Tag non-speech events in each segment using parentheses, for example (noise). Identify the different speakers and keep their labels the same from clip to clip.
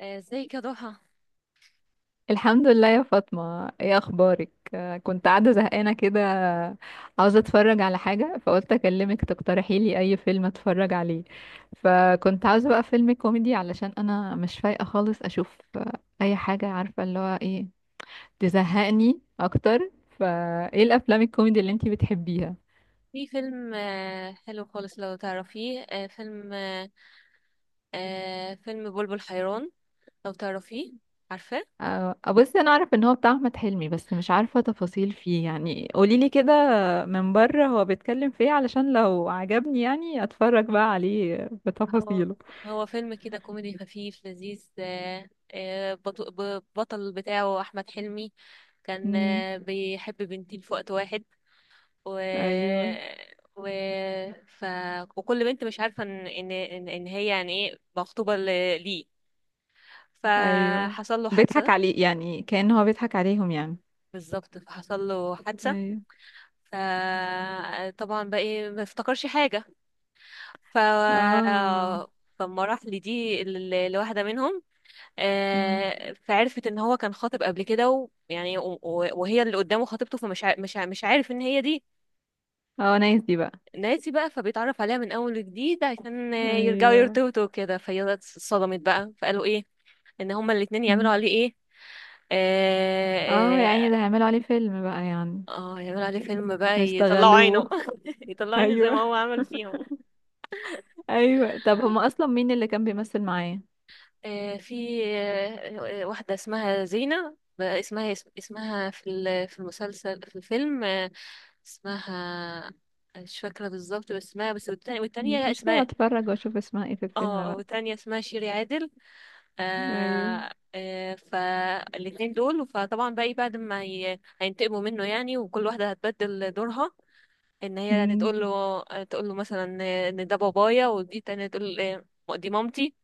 Speaker 1: ازيك يا ضحى؟
Speaker 2: الحمد لله يا فاطمة، ايه اخبارك؟ كنت قاعدة زهقانة كده، عاوزة اتفرج على حاجة، فقلت اكلمك تقترحي لي اي فيلم اتفرج عليه. فكنت عاوزة بقى فيلم كوميدي، علشان انا مش فايقة خالص اشوف اي حاجة، عارفة اللي هو ايه، تزهقني اكتر. فايه الافلام الكوميدي اللي انتي بتحبيها؟
Speaker 1: في فيلم حلو خالص لو تعرفيه. آه، فيلم آه، آه، فيلم بلبل حيران، لو تعرفيه، عارفاه؟
Speaker 2: آه، آه، بصي انا اعرف ان هو بتاع احمد حلمي، بس مش عارفه تفاصيل فيه، يعني قوليلي كده من بره، هو بيتكلم في ايه، علشان لو عجبني يعني اتفرج بقى عليه
Speaker 1: هو
Speaker 2: بتفاصيله.
Speaker 1: هو فيلم كده كوميدي خفيف لذيذ. آه، بطل بتاعه أحمد حلمي، كان
Speaker 2: امم.
Speaker 1: بيحب بنتين في وقت واحد. و...
Speaker 2: ايوه.
Speaker 1: و... ف... وكل بنت مش عارفة إن هي يعني إيه، مخطوبة ليه.
Speaker 2: ايوه
Speaker 1: فحصل له
Speaker 2: بيضحك
Speaker 1: حادثة.
Speaker 2: عليه، يعني كأن هو بيضحك عليهم يعني.
Speaker 1: بالظبط، فحصل له حادثة.
Speaker 2: ايوه.
Speaker 1: فطبعا بقى ايه، ما افتكرش حاجة. ف
Speaker 2: اه.
Speaker 1: فالمراحل دي، الواحدة منهم
Speaker 2: امم.
Speaker 1: فعرفت ان هو كان خاطب قبل كده، ويعني وهي اللي قدامه خطيبته، فمش ع- مش ع- مش عارف ان هي دي.
Speaker 2: اه، نايس دي بقى.
Speaker 1: ناسي بقى، فبيتعرف عليها من اول وجديد، عشان يرجعوا
Speaker 2: ايوه.
Speaker 1: يرتبطوا وكده، فهي اتصدمت بقى، فقالوا ايه، ان هما الاتنين يعملوا
Speaker 2: مم.
Speaker 1: عليه ايه.
Speaker 2: اه،
Speaker 1: اه,
Speaker 2: يعني ده هيعملوا عليه فيلم بقى يعني؟
Speaker 1: يعملوا عليه فيلم بقى، يطلعوا عينه
Speaker 2: هيشتغلوه.
Speaker 1: (laughs) يطلعوا
Speaker 2: (laughs)
Speaker 1: عينه زي ما
Speaker 2: ايوه.
Speaker 1: هو عمل فيهم.
Speaker 2: ايوه، طب هما اصلا مين اللي كان بيمثل معاه؟
Speaker 1: في واحدة اسمها زينة بقى، اسمها اسمها في ال- في المسلسل في الفيلم اسمها، مش فاكرة بالظبط، بس اسمها، بس. والتانية
Speaker 2: مش
Speaker 1: لا،
Speaker 2: مشكلة،
Speaker 1: اسمها،
Speaker 2: اتفرج واشوف اسمها ايه في الفيلم
Speaker 1: اه،
Speaker 2: بقى.
Speaker 1: والتانية اسمها شيري عادل.
Speaker 2: ايوه.
Speaker 1: فالاتنين دول، فطبعا بقى إيه، بعد ما هينتقموا منه يعني، وكل واحدة هتبدل دورها، ان هي يعني
Speaker 2: مم.
Speaker 1: تقول له مثلا ان ده بابايا، ودي تانية تقول دي مامتي.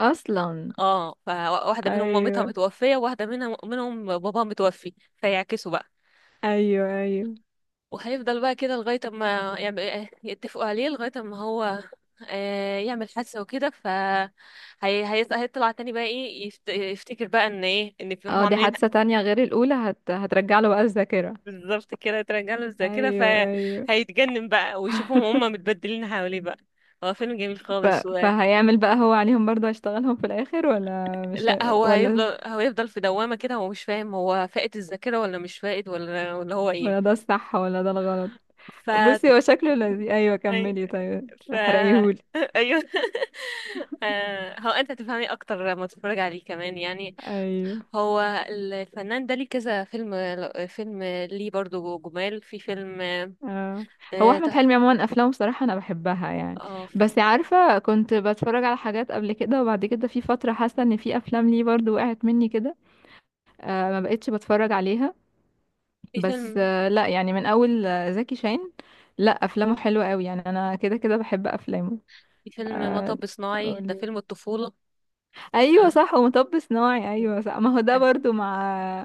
Speaker 2: اصلا.
Speaker 1: اه، فواحدة منهم مامتها
Speaker 2: ايوه.
Speaker 1: متوفية، وواحدة منهم باباها متوفي، فيعكسوا بقى.
Speaker 2: ايوه. ايوه.
Speaker 1: وهيفضل بقى كده لغاية ما يعمل، يتفقوا عليه لغاية ما هو يعمل حادثة وكده. هيطلع تاني بقى ايه، يفتكر بقى ان ايه، ان في هم
Speaker 2: اه، دي
Speaker 1: عاملين.
Speaker 2: حادثة تانية غير الاولى، هترجع له بقى الذاكرة.
Speaker 1: بالظبط كده، ترجع له زي كده.
Speaker 2: ايوه. ايوه.
Speaker 1: فهيتجنن بقى، ويشوفهم هم
Speaker 2: (laughs)
Speaker 1: متبدلين حواليه بقى. هو فيلم جميل
Speaker 2: ف...
Speaker 1: خالص.
Speaker 2: فهيعمل بقى هو عليهم برضو، هيشتغلهم في الاخر، ولا مش
Speaker 1: لا،
Speaker 2: هي...
Speaker 1: هو
Speaker 2: ولا
Speaker 1: هيفضل، هو يفضل في دوامة كده، هو مش فاهم، هو فاقد الذاكرة ولا مش فاقد، ولا هو ايه.
Speaker 2: ولا ده الصح ولا ده الغلط؟
Speaker 1: ف
Speaker 2: بصي هو شكله لذيذ، ايوه
Speaker 1: أي...
Speaker 2: كملي، طيب
Speaker 1: ف
Speaker 2: احرقيهولي.
Speaker 1: (laughs) ايوه. (laughs) هو انت تفهمي اكتر لما تتفرج عليه كمان يعني.
Speaker 2: ايوه.
Speaker 1: هو الفنان ده ليه كذا فيلم، فيلم ليه برضو، جمال في فيلم.
Speaker 2: اه، هو
Speaker 1: اه ت-
Speaker 2: احمد حلمي عموما افلامه بصراحه انا بحبها يعني،
Speaker 1: آه،
Speaker 2: بس عارفه كنت بتفرج على حاجات قبل كده وبعد كده في فتره، حاسه ان في افلام ليه برضو وقعت مني كده، ما بقتش بتفرج عليها.
Speaker 1: في
Speaker 2: بس
Speaker 1: فيلم،
Speaker 2: لا يعني، من اول زكي شان، لا افلامه حلوه قوي يعني، انا كده كده بحب افلامه.
Speaker 1: في فيلم
Speaker 2: آه.
Speaker 1: مطب صناعي، ده
Speaker 2: قولي.
Speaker 1: فيلم الطفولة.
Speaker 2: ايوه
Speaker 1: آه.
Speaker 2: صح، ومطب صناعي، ايوه صح، ما هو ده
Speaker 1: آه.
Speaker 2: برضو مع.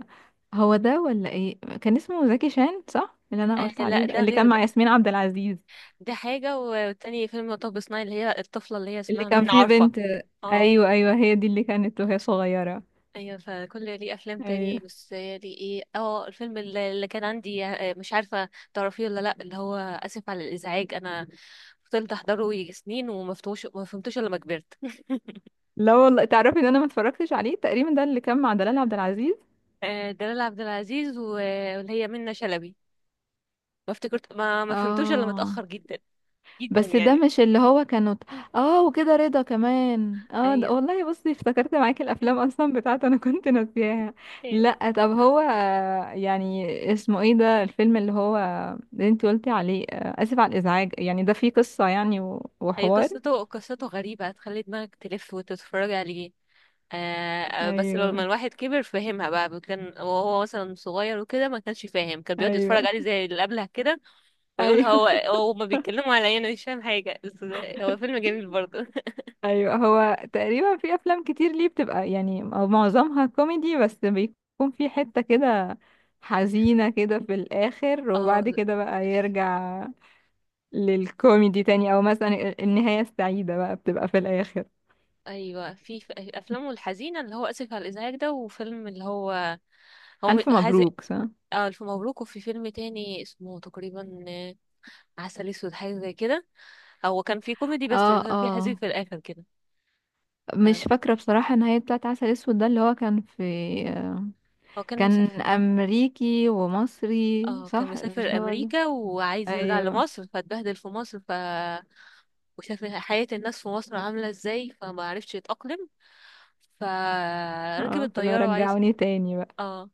Speaker 2: هو ده ولا ايه؟ كان اسمه زكي شان صح اللي انا قلت عليه
Speaker 1: لا،
Speaker 2: ده،
Speaker 1: ده
Speaker 2: اللي
Speaker 1: غير
Speaker 2: كان
Speaker 1: ده،
Speaker 2: مع ياسمين عبد العزيز؟
Speaker 1: ده حاجة، والتاني فيلم مطب صناعي، اللي هي الطفلة اللي هي
Speaker 2: اللي
Speaker 1: اسمها
Speaker 2: كان
Speaker 1: منى،
Speaker 2: فيه
Speaker 1: عارفة؟
Speaker 2: بنت.
Speaker 1: اه،
Speaker 2: ايوه، ايوه هي دي اللي كانت وهي صغيره.
Speaker 1: ايوه، فكل ليه افلام تاني،
Speaker 2: ايوه.
Speaker 1: بس هي دي ايه. اه، الفيلم اللي كان عندي، مش عارفه تعرفيه ولا لا، اللي هو اسف على الازعاج، انا فضلت احضره يجي سنين وما فتوش، ما فهمتوش الا لما كبرت (laughs)
Speaker 2: لا والله، تعرفي ان انا ما اتفرجتش عليه تقريبا، ده اللي كان مع دلال عبد العزيز.
Speaker 1: دلال عبد العزيز، واللي هي منة شلبي. ما افتكرت، ما فهمتوش الا
Speaker 2: اه.
Speaker 1: متاخر جدا، جدا
Speaker 2: بس ده
Speaker 1: يعني.
Speaker 2: مش اللي هو كانوا. اه، وكده رضا كمان، اه ده
Speaker 1: ايوه.
Speaker 2: والله، بصي افتكرت معاكي الافلام
Speaker 1: (laughs)
Speaker 2: اصلا بتاعته انا (laughs) كنت ناسياها. لا طب هو يعني اسمه ايه ده الفيلم اللي هو اللي انت قلتي عليه اسف على الازعاج، يعني ده فيه قصه يعني
Speaker 1: هي
Speaker 2: وحوار؟
Speaker 1: قصته، قصته غريبه، هتخلي دماغك تلف وتتفرج عليه. بس لما
Speaker 2: ايوه.
Speaker 1: الواحد كبر فهمها بقى. كان وهو مثلا صغير وكده ما كانش فاهم، كان بيقعد يتفرج
Speaker 2: ايوه.
Speaker 1: عليه زي اللي قبلها كده، ويقول
Speaker 2: ايوه.
Speaker 1: هو ما بيتكلموا عليا، انا مش فاهم حاجه، بس هو فيلم جميل برضه (laughs)
Speaker 2: ايوه. هو تقريبا في افلام كتير ليه بتبقى يعني، او معظمها كوميدي، بس بيكون في حتة كده حزينة كده في الاخر، وبعد
Speaker 1: اه،
Speaker 2: كده بقى يرجع للكوميدي تاني، او مثلا النهاية السعيدة بقى بتبقى في الاخر.
Speaker 1: ايوه، في افلامه الحزينه، اللي هو اسف على الازعاج ده، وفيلم اللي هو،
Speaker 2: الف
Speaker 1: هذي،
Speaker 2: مبروك صح.
Speaker 1: اه، الف مبروك. وفي فيلم تاني اسمه تقريبا عسل اسود، حاجه زي كده. هو كان في كوميدي، بس
Speaker 2: اه.
Speaker 1: كان في حزين
Speaker 2: اه،
Speaker 1: في الاخر كده. أنا
Speaker 2: مش
Speaker 1: مش
Speaker 2: فاكرة
Speaker 1: فاكرة.
Speaker 2: بصراحة النهاية بتاعت عسل اسود ده اللي هو كان في.
Speaker 1: هو كان
Speaker 2: كان
Speaker 1: مسافر.
Speaker 2: امريكي ومصري
Speaker 1: اه، كان
Speaker 2: صح،
Speaker 1: مسافر
Speaker 2: مش ده هو ده؟
Speaker 1: امريكا وعايز يرجع
Speaker 2: ايوه.
Speaker 1: لمصر، فاتبهدل في مصر. وشاف حياة الناس في مصر عاملة ازاي، فما عرفش يتأقلم. فركب
Speaker 2: اه، فلو
Speaker 1: الطيارة وعايز.
Speaker 2: رجعوني تاني بقى.
Speaker 1: اه.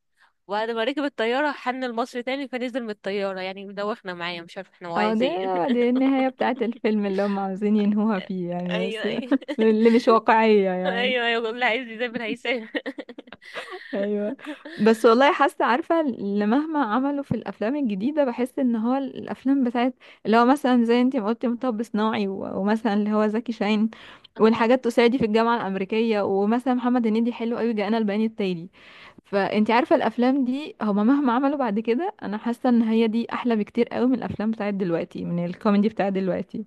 Speaker 1: وبعد ما ركب الطيارة حن لمصر تاني، فنزل من الطيارة. يعني مدوخنا معايا، مش عارفة احنا هو
Speaker 2: اه،
Speaker 1: عايز
Speaker 2: ده
Speaker 1: ايه.
Speaker 2: دي النهاية بتاعة الفيلم اللي هم عاوزين ينهوها فيه
Speaker 1: (laughs)
Speaker 2: يعني،
Speaker 1: ايوه،
Speaker 2: بس
Speaker 1: ايوه.
Speaker 2: (laughs) اللي مش واقعية
Speaker 1: (laughs)
Speaker 2: يعني.
Speaker 1: ايوه، ايوه، اللي عايز يسافر هيسافر
Speaker 2: ايوه، بس والله حاسة، عارفة اللي مهما عملوا في الافلام الجديدة، بحس ان هو الافلام بتاعت اللي هو مثلا زي انتي ما قلتي مطب صناعي ومثلا اللي هو زكي شاهين
Speaker 1: (laughs) اه،
Speaker 2: والحاجات، تساعدي في الجامعة الامريكية، ومثلا محمد هنيدي حلو قوي جاءنا البيان التالي، فانتي عارفة الافلام دي هما مهما عملوا بعد كده، انا حاسة ان هي دي احلى بكتير قوي من الافلام بتاعت دلوقتي، من الكوميدي بتاعت دلوقتي.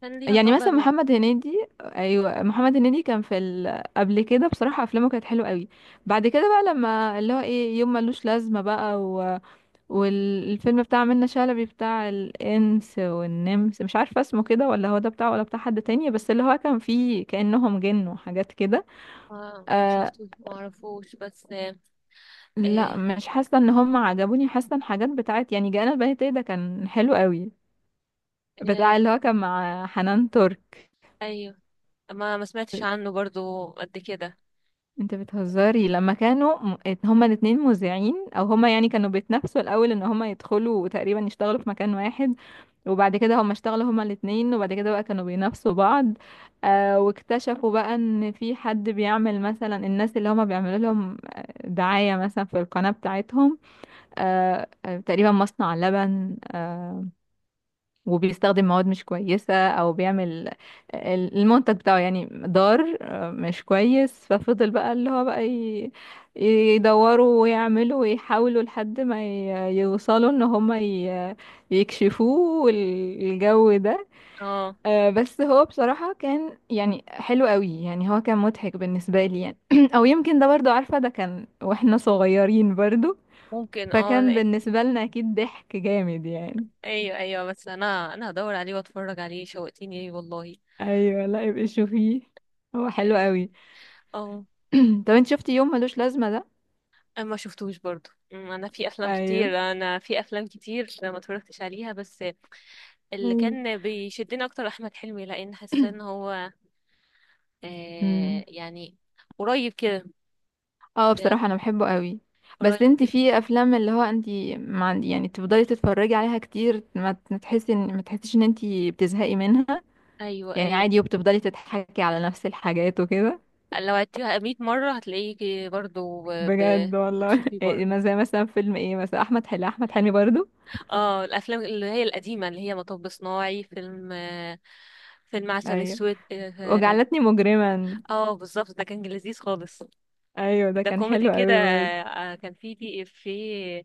Speaker 1: كان ليها
Speaker 2: يعني
Speaker 1: طابع
Speaker 2: مثلا محمد هنيدي، ايوه محمد هنيدي كان في قبل كده بصراحه افلامه كانت حلوه قوي، بعد كده بقى لما اللي هو ايه يوم ملوش لازمه بقى والفيلم بتاع منة شلبي بتاع الانس والنمس، مش عارفه اسمه كده ولا هو ده بتاعه ولا بتاع حد تاني، بس اللي هو كان فيه كانهم جن وحاجات كده.
Speaker 1: ما
Speaker 2: آه
Speaker 1: شفتوش، ما اعرفوش، بس آه
Speaker 2: لا مش حاسه ان هم عجبوني، حاسه ان حاجات بتاعت يعني جانا البيت ده كان حلو قوي،
Speaker 1: آه
Speaker 2: بتاع اللي هو كان مع حنان ترك.
Speaker 1: ايوه. ما سمعتش عنه برضو قد كده.
Speaker 2: انت بتهزري، لما كانوا هما الاتنين مذيعين، او هما يعني كانوا بيتنافسوا الاول ان هما يدخلوا وتقريبا يشتغلوا في مكان واحد، وبعد كده هما اشتغلوا هما الاتنين، وبعد كده بقى كانوا بينافسوا بعض، واكتشفوا بقى ان في حد بيعمل مثلا الناس اللي هما بيعملوا لهم دعاية مثلا في القناة بتاعتهم، تقريبا مصنع لبن وبيستخدم مواد مش كويسة، او بيعمل المنتج بتاعه يعني ضار، مش كويس، ففضل بقى اللي هو بقى يدوروا ويعملوا ويحاولوا لحد ما يوصلوا ان هما يكشفوه الجو ده.
Speaker 1: اه،
Speaker 2: بس هو بصراحة كان يعني حلو قوي يعني، هو كان مضحك بالنسبة لي يعني. (clears throat) او يمكن ده برضو، عارفة ده كان واحنا صغيرين برضو،
Speaker 1: ممكن. اه،
Speaker 2: فكان
Speaker 1: لان
Speaker 2: بالنسبة لنا اكيد ضحك جامد يعني.
Speaker 1: ايوه، ايوه، بس انا هدور عليه واتفرج عليه، شوقتيني ليه والله.
Speaker 2: ايوه لا يبقى شوفيه، هو حلو
Speaker 1: اه.
Speaker 2: قوي.
Speaker 1: آه،
Speaker 2: (clears throat) طب انت شفتي يوم ملوش لازمه ده؟
Speaker 1: انا ما شفتوش برضو. انا في افلام
Speaker 2: ايوه.
Speaker 1: كتير انا في افلام كتير ما اتفرجتش عليها، بس اللي
Speaker 2: ايوه.
Speaker 1: كان بيشدني اكتر احمد حلمي، لان حاسه ان
Speaker 2: (clears throat)
Speaker 1: هو
Speaker 2: امم.
Speaker 1: يعني قريب كده.
Speaker 2: اه
Speaker 1: لا،
Speaker 2: بصراحه انا بحبه قوي.
Speaker 1: قريب
Speaker 2: بس انت
Speaker 1: كده.
Speaker 2: في افلام اللي هو انت ما عندي يعني تفضلي تتفرجي عليها كتير، ما تحسي ان، ما تحسيش ان انت بتزهقي منها،
Speaker 1: ايوه،
Speaker 2: يعني
Speaker 1: ايوه.
Speaker 2: عادي وبتفضلي تضحكي على نفس الحاجات وكده.
Speaker 1: لو عدتيها 100 مره هتلاقيه برضو. ب-
Speaker 2: بجد والله.
Speaker 1: بتشوفيه
Speaker 2: (laughs) إيه،
Speaker 1: برضو.
Speaker 2: ما زي مثلا فيلم ايه، مثلا احمد حلمي، احمد حلمي برضو.
Speaker 1: اه، الافلام اللي هي القديمه، اللي هي مطب صناعي، فيلم فيلم عسل
Speaker 2: ايوه،
Speaker 1: اسود، اه.
Speaker 2: وجعلتني مجرما.
Speaker 1: بالظبط، ده كان لذيذ خالص.
Speaker 2: ايوه ده
Speaker 1: ده
Speaker 2: كان
Speaker 1: كوميدي
Speaker 2: حلو
Speaker 1: كده.
Speaker 2: قوي برضو.
Speaker 1: كان في في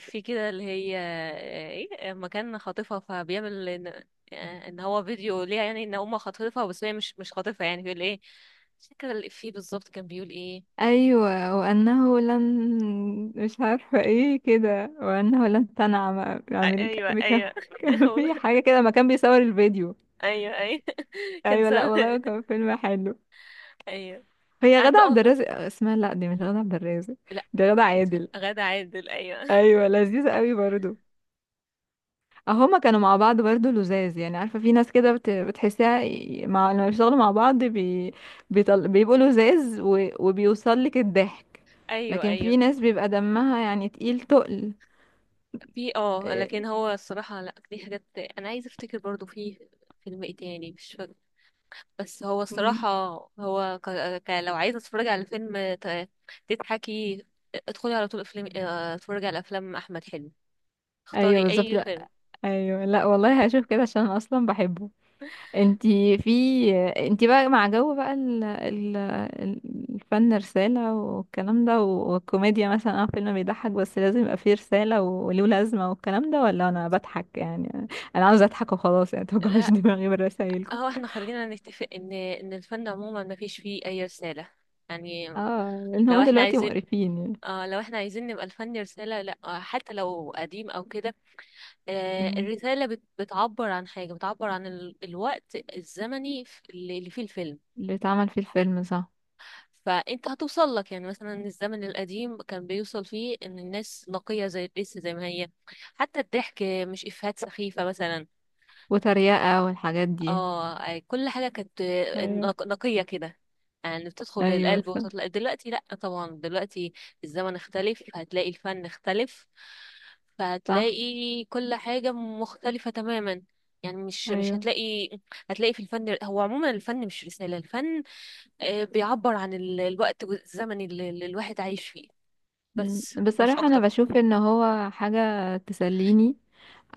Speaker 1: في كده اللي هي ايه، لما كان خاطفها فبيعمل ان، إن هو فيديو ليها، يعني ان هما خاطفها، بس هي مش خاطفها يعني، بيقول ايه، مش فاكره الافيه بالظبط كان بيقول ايه.
Speaker 2: ايوه، وانه لن مش عارفه ايه كده، وانه لن تنعم امريكا
Speaker 1: ايوه،
Speaker 2: بكم،
Speaker 1: ايوه.
Speaker 2: كان في حاجه
Speaker 1: (laughs)
Speaker 2: كده ما كان بيصور الفيديو.
Speaker 1: ايوه، ايوه، كان
Speaker 2: ايوه لا
Speaker 1: سامع (laughs)
Speaker 2: والله كان فيلم حلو.
Speaker 1: ايوه،
Speaker 2: هي غادة
Speaker 1: عنده،
Speaker 2: عبد
Speaker 1: اه، لا،
Speaker 2: الرازق اسمها، لا دي مش غادة عبد الرازق، دي غادة عادل.
Speaker 1: غادة عادل، ايوه،
Speaker 2: ايوه لذيذه قوي برضو. اه هما كانوا مع بعض برضو لزاز يعني، عارفه في ناس كده بتحسها مع لما بيشتغلوا مع بعض بيبقوا لزاز وبيوصل لك الضحك.
Speaker 1: ايوه،
Speaker 2: لكن
Speaker 1: ايوه.
Speaker 2: في ناس بيبقى دمها يعني تقيل تقل.
Speaker 1: في، اه، لكن
Speaker 2: آه،
Speaker 1: هو الصراحة، لا دي حاجات انا عايزة افتكر برضو في فيلم ايه تاني مش فاكر، بس هو
Speaker 2: مم.
Speaker 1: الصراحة، هو ك... لو عايزة تتفرجي على فيلم تضحكي، ادخلي على طول افلام، اتفرجي على افلام احمد حلمي،
Speaker 2: ايوه
Speaker 1: اختاري
Speaker 2: بالظبط.
Speaker 1: اي
Speaker 2: لا.
Speaker 1: فيلم.
Speaker 2: ايوه، لا والله هشوف كده عشان أنا اصلا بحبه. انتي في. انتي بقى مع جو بقى الفن رسالة والكلام ده والكوميديا، مثلا اه فيلم بيضحك بس لازم يبقى فيه رسالة وله لازمة والكلام ده، ولا انا بضحك يعني؟ انا عاوزة اضحك وخلاص يعني، متوجعوش (laughs)
Speaker 1: لا،
Speaker 2: دماغي برسايلكم.
Speaker 1: هو احنا خلينا نتفق ان الفن عموما ما فيش فيه اي رسالة، يعني
Speaker 2: اه لان هما
Speaker 1: لو احنا
Speaker 2: دلوقتي
Speaker 1: عايزين،
Speaker 2: مقرفين يعني.
Speaker 1: اه، لو احنا عايزين نبقى الفن رسالة، لا، حتى لو قديم او كده،
Speaker 2: مم.
Speaker 1: الرسالة بتعبر عن حاجة، بتعبر عن الوقت الزمني، اللي فيه الفيلم.
Speaker 2: اللي اتعمل فيه الفيلم صح.
Speaker 1: فانت هتوصل لك، يعني مثلا الزمن القديم كان بيوصل فيه ان الناس نقية، زي لسه زي ما هي. حتى الضحك، مش افيهات سخيفة مثلا.
Speaker 2: وتريقة والحاجات دي.
Speaker 1: اه، كل حاجة كانت
Speaker 2: ايوه.
Speaker 1: نقية كده، يعني بتدخل
Speaker 2: ايوه.
Speaker 1: للقلب
Speaker 2: صح.
Speaker 1: وتطلع. دلوقتي لأ، طبعا دلوقتي الزمن اختلف، هتلاقي الفن اختلف،
Speaker 2: صح.
Speaker 1: فهتلاقي كل حاجة مختلفة تماما، يعني مش
Speaker 2: ايوه.
Speaker 1: هتلاقي، هتلاقي في الفن، هو عموما الفن مش رسالة، الفن بيعبر عن الوقت والزمن اللي الواحد عايش فيه،
Speaker 2: مم.
Speaker 1: بس مش
Speaker 2: بصراحة أنا
Speaker 1: أكتر.
Speaker 2: بشوف إن هو حاجة تسليني،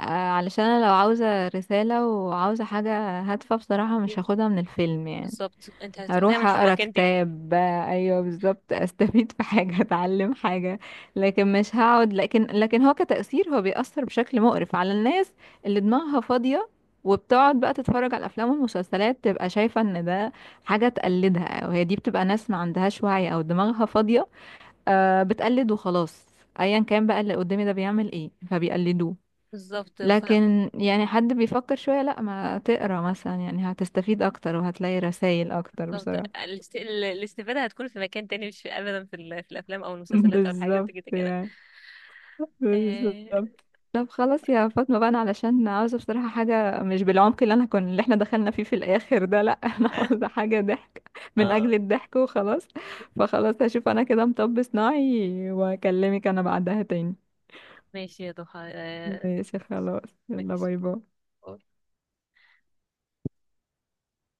Speaker 2: آه، علشان أنا لو عاوزة رسالة وعاوزة حاجة هادفة بصراحة مش هاخدها من الفيلم يعني،
Speaker 1: بالظبط، انت هتاخديها
Speaker 2: هروح
Speaker 1: من
Speaker 2: أقرأ
Speaker 1: مكان تاني.
Speaker 2: كتاب. أيوه بالظبط. (laughs) أستفيد في حاجة، أتعلم حاجة، لكن مش هقعد، لكن هو كتأثير هو بيأثر بشكل مقرف على الناس، اللي دماغها فاضية وبتقعد بقى تتفرج على الأفلام والمسلسلات، تبقى شايفة إن ده حاجة تقلدها، وهي دي بتبقى ناس ما عندهاش وعي أو دماغها فاضية، بتقلد وخلاص. ايا كان بقى اللي قدامي ده بيعمل ايه فبيقلدوه.
Speaker 1: بالظبط
Speaker 2: لكن يعني حد بيفكر شوية، لا ما تقرا مثلا يعني هتستفيد اكتر وهتلاقي رسائل اكتر
Speaker 1: بالظبط
Speaker 2: بصراحة.
Speaker 1: الاستفادة هتكون في مكان تاني، مش في ابدا في, في الافلام او
Speaker 2: (laughs)
Speaker 1: المسلسلات او الحاجات دي
Speaker 2: بالظبط
Speaker 1: كده كده.
Speaker 2: يعني،
Speaker 1: آه،
Speaker 2: بالظبط. طب خلاص يا فاطمة بقى، انا علشان عاوزة بصراحة حاجة مش بالعمق اللي انا كنا اللي احنا دخلنا فيه في الاخر ده، لا. (laughs) انا
Speaker 1: آه،
Speaker 2: عاوزة حاجة ضحك من
Speaker 1: آه.
Speaker 2: اجل الضحك وخلاص. فخلاص هشوف انا كده مطب صناعي واكلمك انا بعدها تاني.
Speaker 1: ماشي يا ضحى.
Speaker 2: ماشي خلاص يلا
Speaker 1: ماشي.
Speaker 2: باي باي.